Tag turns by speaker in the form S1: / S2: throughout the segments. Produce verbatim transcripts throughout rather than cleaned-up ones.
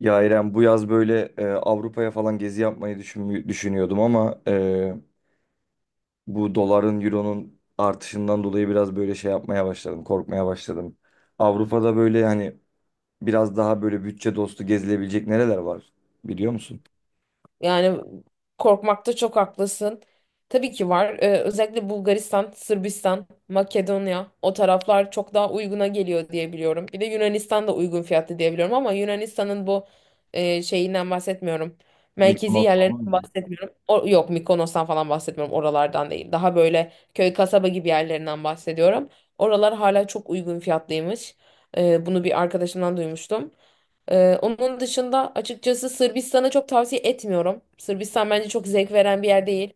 S1: Ya İrem bu yaz böyle e, Avrupa'ya falan gezi yapmayı düşün, düşünüyordum ama e, bu doların, euronun artışından dolayı biraz böyle şey yapmaya başladım, korkmaya başladım. Avrupa'da böyle hani biraz daha böyle bütçe dostu gezilebilecek nereler var biliyor musun?
S2: Yani korkmakta çok haklısın. Tabii ki var. Ee, özellikle Bulgaristan, Sırbistan, Makedonya o taraflar çok daha uyguna geliyor diye biliyorum. Bir de Yunanistan da uygun fiyatlı diye biliyorum ama Yunanistan'ın bu e, şeyinden bahsetmiyorum. Merkezi
S1: Mykonos falan
S2: yerlerinden
S1: mı?
S2: bahsetmiyorum. O, yok Mikonos'tan falan bahsetmiyorum. Oralardan değil. Daha böyle köy kasaba gibi yerlerinden bahsediyorum. Oralar hala çok uygun fiyatlıymış. Ee, bunu bir arkadaşımdan duymuştum. Ee, onun dışında açıkçası Sırbistan'ı çok tavsiye etmiyorum. Sırbistan bence çok zevk veren bir yer değil.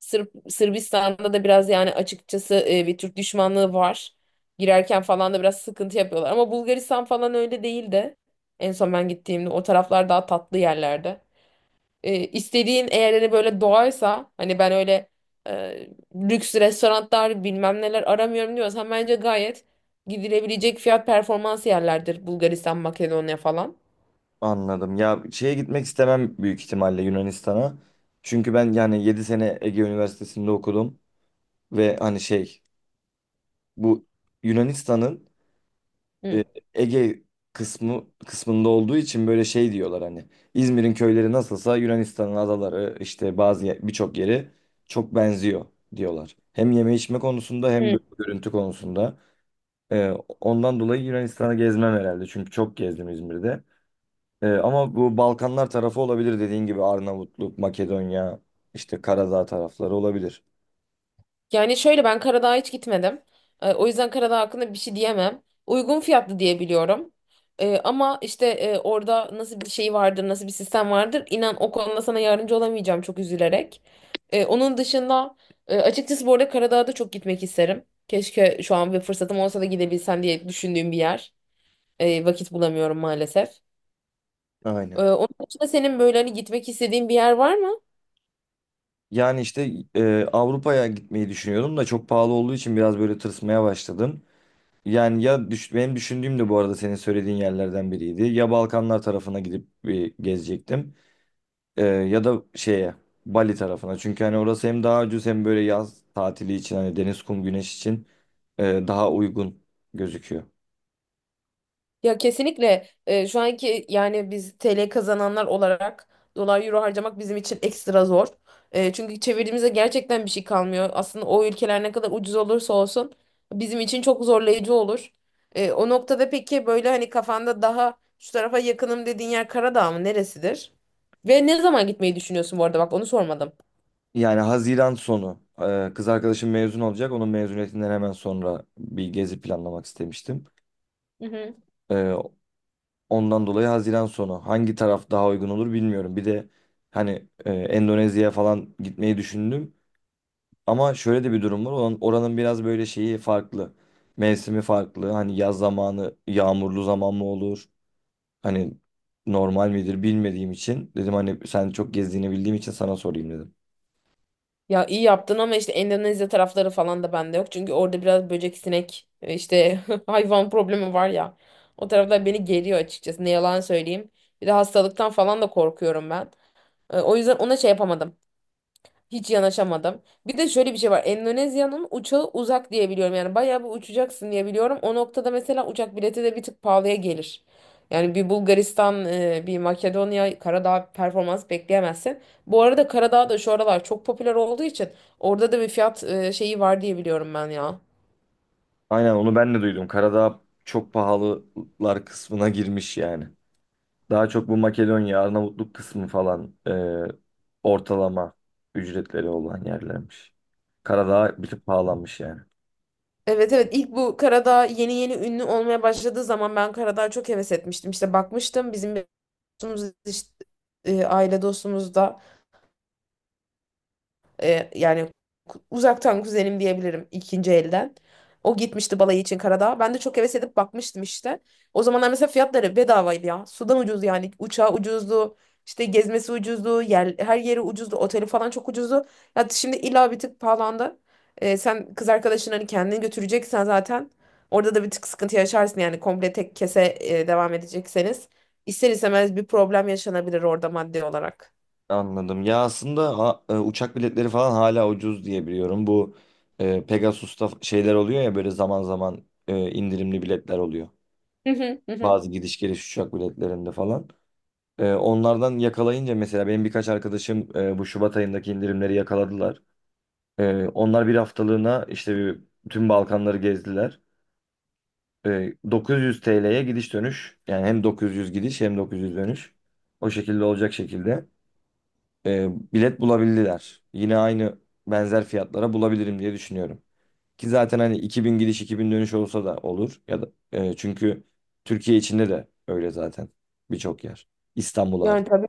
S2: Sırp, Sırbistan'da da biraz yani açıkçası e, bir Türk düşmanlığı var. Girerken falan da biraz sıkıntı yapıyorlar. Ama Bulgaristan falan öyle değildi. En son ben gittiğimde o taraflar daha tatlı yerlerde. E, istediğin eğer hani böyle doğaysa hani ben öyle e, lüks restoranlar bilmem neler aramıyorum diyorsan bence gayet gidilebilecek fiyat performans yerlerdir Bulgaristan, Makedonya falan.
S1: Anladım. Ya şeye gitmek istemem büyük ihtimalle Yunanistan'a. Çünkü ben yani yedi sene Ege Üniversitesi'nde okudum ve hani şey bu Yunanistan'ın e,
S2: Hı.
S1: Ege kısmı kısmında olduğu için böyle şey diyorlar hani İzmir'in köyleri nasılsa Yunanistan'ın adaları işte bazı ye- birçok yeri çok benziyor diyorlar. Hem yeme içme konusunda hem
S2: Hı.
S1: böyle görüntü konusunda. E, Ondan dolayı Yunanistan'ı gezmem herhalde çünkü çok gezdim İzmir'de. E, ama bu Balkanlar tarafı olabilir dediğin gibi Arnavutluk, Makedonya, işte Karadağ tarafları olabilir.
S2: Yani şöyle ben Karadağ'a hiç gitmedim. E, o yüzden Karadağ hakkında bir şey diyemem. Uygun fiyatlı diye biliyorum. E, ama işte e, orada nasıl bir şey vardır, nasıl bir sistem vardır inan o konuda sana yardımcı olamayacağım çok üzülerek. E, onun dışında e, açıkçası bu arada Karadağ'a da çok gitmek isterim. Keşke şu an bir fırsatım olsa da gidebilsem diye düşündüğüm bir yer. E, vakit bulamıyorum maalesef. Ee,
S1: Aynen.
S2: onun dışında senin böyle hani gitmek istediğin bir yer var mı?
S1: Yani işte e, Avrupa'ya gitmeyi düşünüyordum da çok pahalı olduğu için biraz böyle tırsmaya başladım. Yani ya düş- benim düşündüğüm de bu arada senin söylediğin yerlerden biriydi. Ya Balkanlar tarafına gidip bir gezecektim. Ee, ya da şeye Bali tarafına. Çünkü hani orası hem daha ucuz hem böyle yaz tatili için hani deniz, kum, güneş için e, daha uygun gözüküyor.
S2: Ya kesinlikle e, şu anki yani biz T L kazananlar olarak dolar euro harcamak bizim için ekstra zor. E, çünkü çevirdiğimizde gerçekten bir şey kalmıyor. Aslında o ülkeler ne kadar ucuz olursa olsun bizim için çok zorlayıcı olur. E, o noktada peki böyle hani kafanda daha şu tarafa yakınım dediğin yer Karadağ mı neresidir? Ve ne zaman gitmeyi düşünüyorsun bu arada bak onu
S1: Yani Haziran sonu e, kız
S2: sormadım.
S1: arkadaşım mezun olacak. Onun mezuniyetinden hemen sonra bir gezi planlamak istemiştim. E, Ondan dolayı Haziran sonu hangi taraf daha uygun olur bilmiyorum. Bir de hani e, Endonezya'ya falan gitmeyi düşündüm. Ama şöyle de bir durum var. Oranın, oranın biraz böyle şeyi farklı. Mevsimi farklı. Hani yaz zamanı yağmurlu zaman mı olur? Hani normal midir bilmediğim için. Dedim hani sen çok gezdiğini bildiğim için sana sorayım dedim.
S2: Ya iyi yaptın ama işte Endonezya tarafları falan da bende yok. Çünkü orada biraz böcek, sinek, e, işte hayvan problemi var ya. O taraflar beni geriyor açıkçası. Ne yalan söyleyeyim. Bir de hastalıktan falan da korkuyorum ben. E, O yüzden ona şey yapamadım. Hiç yanaşamadım. Bir de şöyle bir şey var. Endonezya'nın uçağı uzak diye biliyorum. Yani bayağı bir uçacaksın diye biliyorum. O noktada mesela uçak bileti de bir tık pahalıya gelir. Yani bir Bulgaristan, e, bir Makedonya, Karadağ performans bekleyemezsin. Bu arada Karadağ da şu aralar çok popüler olduğu için orada da bir fiyat e, şeyi var diye biliyorum ben ya.
S1: Aynen onu ben de duydum. Karadağ çok pahalılar kısmına girmiş yani. Daha çok bu Makedonya, Arnavutluk kısmı falan e, ortalama ücretleri olan yerlermiş. Karadağ bir tık pahalanmış yani.
S2: Evet evet ilk bu Karadağ yeni yeni ünlü olmaya başladığı zaman ben Karadağ'a çok heves etmiştim. İşte bakmıştım bizim bir dostumuz işte, e, aile dostumuz da Ee, yani ku- uzaktan kuzenim diyebilirim ikinci elden. O gitmişti balayı için Karadağ'a. Ben de çok heves edip bakmıştım işte. O zamanlar mesela fiyatları bedavaydı ya. Sudan ucuz yani. Uçağı ucuzdu. İşte gezmesi ucuzdu. Yer, her yeri ucuzdu. Oteli falan çok ucuzdu. Ya şimdi illa bir tık pahalandı. Ee, sen kız arkadaşın hani kendini götüreceksen zaten orada da bir tık sıkıntı yaşarsın yani komple tek kese e, devam edecekseniz. İster istemez bir problem yaşanabilir orada maddi olarak.
S1: Anladım. Ya aslında a- e, uçak biletleri falan hala ucuz diye biliyorum. Bu e, Pegasus'ta şeyler oluyor ya böyle zaman zaman e, indirimli biletler oluyor.
S2: Hı hı hı. Hı.
S1: Bazı gidiş geliş uçak biletlerinde falan. E, onlardan yakalayınca mesela benim birkaç arkadaşım e, bu Şubat ayındaki indirimleri yakaladılar. E, onlar bir haftalığına işte bir, tüm Balkanları gezdiler. E, dokuz yüz T L'ye gidiş dönüş. Yani hem dokuz yüz gidiş hem dokuz yüz dönüş. O şekilde olacak şekilde. E, bilet bulabildiler. Yine aynı benzer fiyatlara bulabilirim diye düşünüyorum. Ki zaten hani iki bin gidiş iki bin dönüş olsa da olur ya da e, çünkü Türkiye içinde de öyle zaten birçok yer. İstanbul
S2: Yani
S1: hariç.
S2: tabii.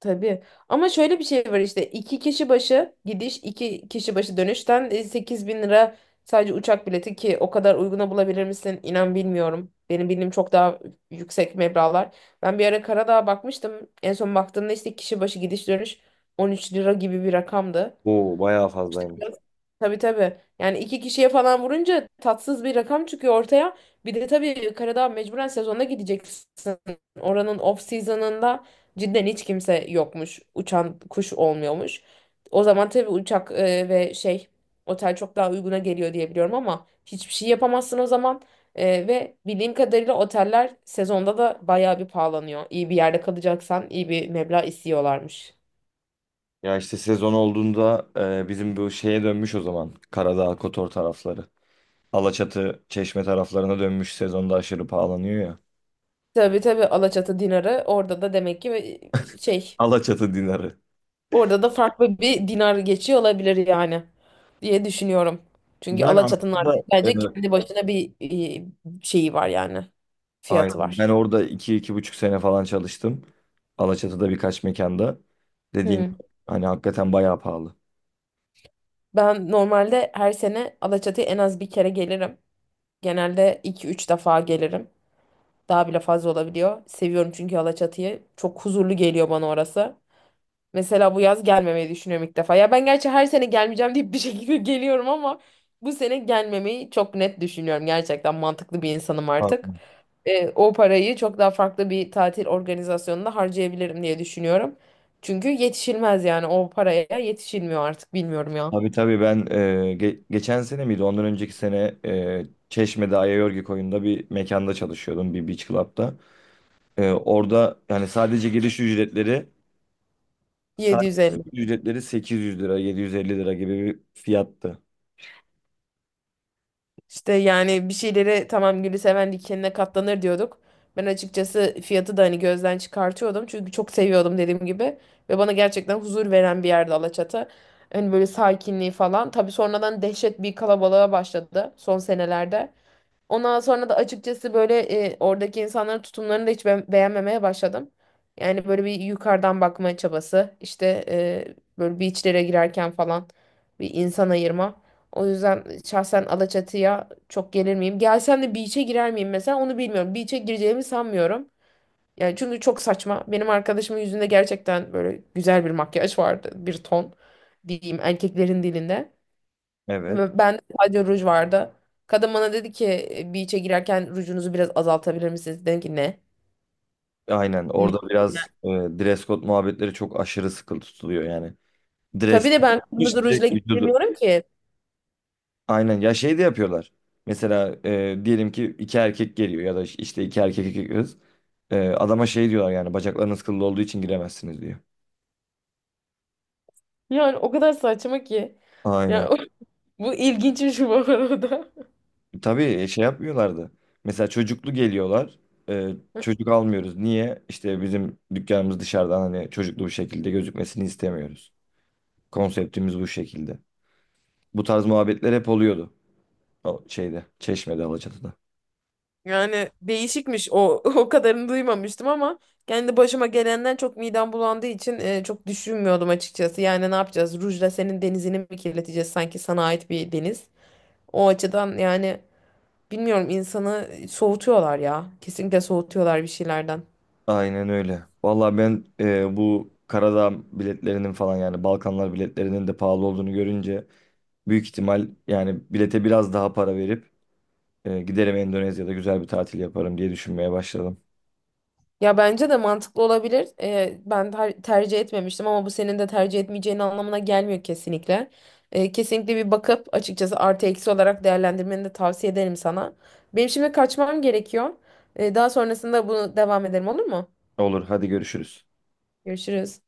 S2: Tabii. Ama şöyle bir şey var işte iki kişi başı gidiş iki kişi başı dönüşten sekiz bin lira sadece uçak bileti ki o kadar uyguna bulabilir misin? İnan bilmiyorum. Benim bildiğim çok daha yüksek meblağlar. Ben bir ara Karadağ'a bakmıştım. En son baktığımda işte kişi başı gidiş dönüş on üç lira gibi bir rakamdı.
S1: Oo bayağı fazlaymış.
S2: Biraz- Tabii tabii. Yani iki kişiye falan vurunca tatsız bir rakam çıkıyor ortaya. Bir de tabii Karadağ mecburen sezonda gideceksin. Oranın off season'ında cidden hiç kimse yokmuş. Uçan kuş olmuyormuş. O zaman tabii uçak e, ve şey otel çok daha uyguna geliyor diye biliyorum ama hiçbir şey yapamazsın o zaman. E, ve bildiğim kadarıyla oteller sezonda da bayağı bir pahalanıyor. İyi bir yerde kalacaksan iyi bir meblağ istiyorlarmış.
S1: Ya işte sezon olduğunda e, bizim bu şeye dönmüş o zaman. Karadağ, Kotor tarafları. Alaçatı, Çeşme taraflarına dönmüş sezonda aşırı pahalanıyor ya.
S2: Tabii tabii Alaçatı dinarı orada da demek ki e, şey
S1: Alaçatı dinarı.
S2: orada da farklı bir dinar geçiyor olabilir yani diye düşünüyorum. Çünkü
S1: Yani
S2: Alaçatı'nın
S1: aslında
S2: artık bence
S1: evet.
S2: kendi başına bir e, şeyi var yani fiyatı
S1: Aynen. Ben
S2: var.
S1: orada iki, iki buçuk sene falan çalıştım. Alaçatı'da birkaç mekanda. Dediğin
S2: Hmm.
S1: gibi, hani hakikaten bayağı pahalı.
S2: Ben normalde her sene Alaçatı'ya en az bir kere gelirim. Genelde iki üç defa gelirim. Daha bile fazla olabiliyor. Seviyorum çünkü Alaçatı'yı. Çok huzurlu geliyor bana orası. Mesela bu yaz gelmemeyi düşünüyorum ilk defa. Ya ben gerçi her sene gelmeyeceğim deyip bir şekilde geliyorum ama bu sene gelmemeyi çok net düşünüyorum. Gerçekten mantıklı bir insanım artık.
S1: Aynen.
S2: E, o parayı çok daha farklı bir tatil organizasyonunda harcayabilirim diye düşünüyorum. Çünkü yetişilmez yani o paraya yetişilmiyor artık bilmiyorum ya.
S1: Tabii tabii ben e, ge- geçen sene miydi ondan önceki sene e, Çeşme'de Ayayorgi koyunda bir mekanda çalışıyordum bir beach club'da. E, orada yani sadece giriş ücretleri sadece giriş
S2: yedi yüz elli.
S1: ücretleri sekiz yüz lira yedi yüz elli lira gibi bir fiyattı.
S2: İşte yani bir şeylere tamam gülü seven dikenine katlanır diyorduk. Ben açıkçası fiyatı da hani gözden çıkartıyordum. Çünkü çok seviyordum dediğim gibi. Ve bana gerçekten huzur veren bir yerdi Alaçatı. Hani böyle sakinliği falan. Tabii sonradan dehşet bir kalabalığa başladı son senelerde. Ondan sonra da açıkçası böyle e, oradaki insanların tutumlarını da hiç be- beğenmemeye başladım. Yani böyle bir yukarıdan bakma çabası, işte e, böyle beachlere girerken falan bir insan ayırma. O yüzden şahsen Alaçatı'ya çok gelir miyim? Gelsem de beach'e girer miyim mesela onu bilmiyorum. Beach'e gireceğimi sanmıyorum. Yani çünkü çok saçma. Benim arkadaşımın yüzünde gerçekten böyle güzel bir makyaj vardı. Bir ton diyeyim erkeklerin dilinde.
S1: Evet.
S2: Ve ben de sadece ruj vardı. Kadın bana dedi ki "E, beach'e girerken rujunuzu biraz azaltabilir misiniz?" Dedim ki ne?
S1: Aynen
S2: Ne?
S1: orada biraz e, dress code muhabbetleri çok aşırı sıkı tutuluyor yani. Dress
S2: Tabii de ben
S1: yapmış
S2: kırmızı rujla
S1: direkt vücudu.
S2: girmiyorum ki.
S1: Aynen ya şey de yapıyorlar. Mesela e, diyelim ki iki erkek geliyor ya da işte iki erkek iki kız. E, adama şey diyorlar yani bacaklarınız kıllı olduğu için giremezsiniz diyor.
S2: Yani o kadar saçma ki.
S1: Aynen.
S2: Ya bu ilginçmiş bu arada.
S1: Tabii e, şey yapmıyorlardı. Mesela çocuklu geliyorlar. E, Çocuk almıyoruz. Niye? İşte bizim dükkanımız dışarıdan hani çocuklu bir şekilde gözükmesini istemiyoruz. Konseptimiz bu şekilde. Bu tarz muhabbetler hep oluyordu. O şeyde, Çeşme'de, Alaçatı'da.
S2: Yani değişikmiş o o kadarını duymamıştım ama kendi başıma gelenden çok midem bulandığı için e, çok düşünmüyordum açıkçası. Yani ne yapacağız? Rujla senin denizini mi kirleteceğiz sanki sana ait bir deniz? O açıdan yani bilmiyorum insanı soğutuyorlar ya. Kesinlikle soğutuyorlar bir şeylerden.
S1: Aynen öyle. Vallahi ben e, bu Karadağ biletlerinin falan yani Balkanlar biletlerinin de pahalı olduğunu görünce büyük ihtimal yani bilete biraz daha para verip e, giderim Endonezya'da güzel bir tatil yaparım diye düşünmeye başladım.
S2: Ya bence de mantıklı olabilir. Ee, ben ter- tercih etmemiştim ama bu senin de tercih etmeyeceğin anlamına gelmiyor kesinlikle. Ee, kesinlikle bir bakıp açıkçası artı eksi olarak değerlendirmeni de tavsiye ederim sana. Benim şimdi kaçmam gerekiyor. Ee, daha sonrasında bunu devam edelim olur mu?
S1: Olur, hadi görüşürüz.
S2: Görüşürüz.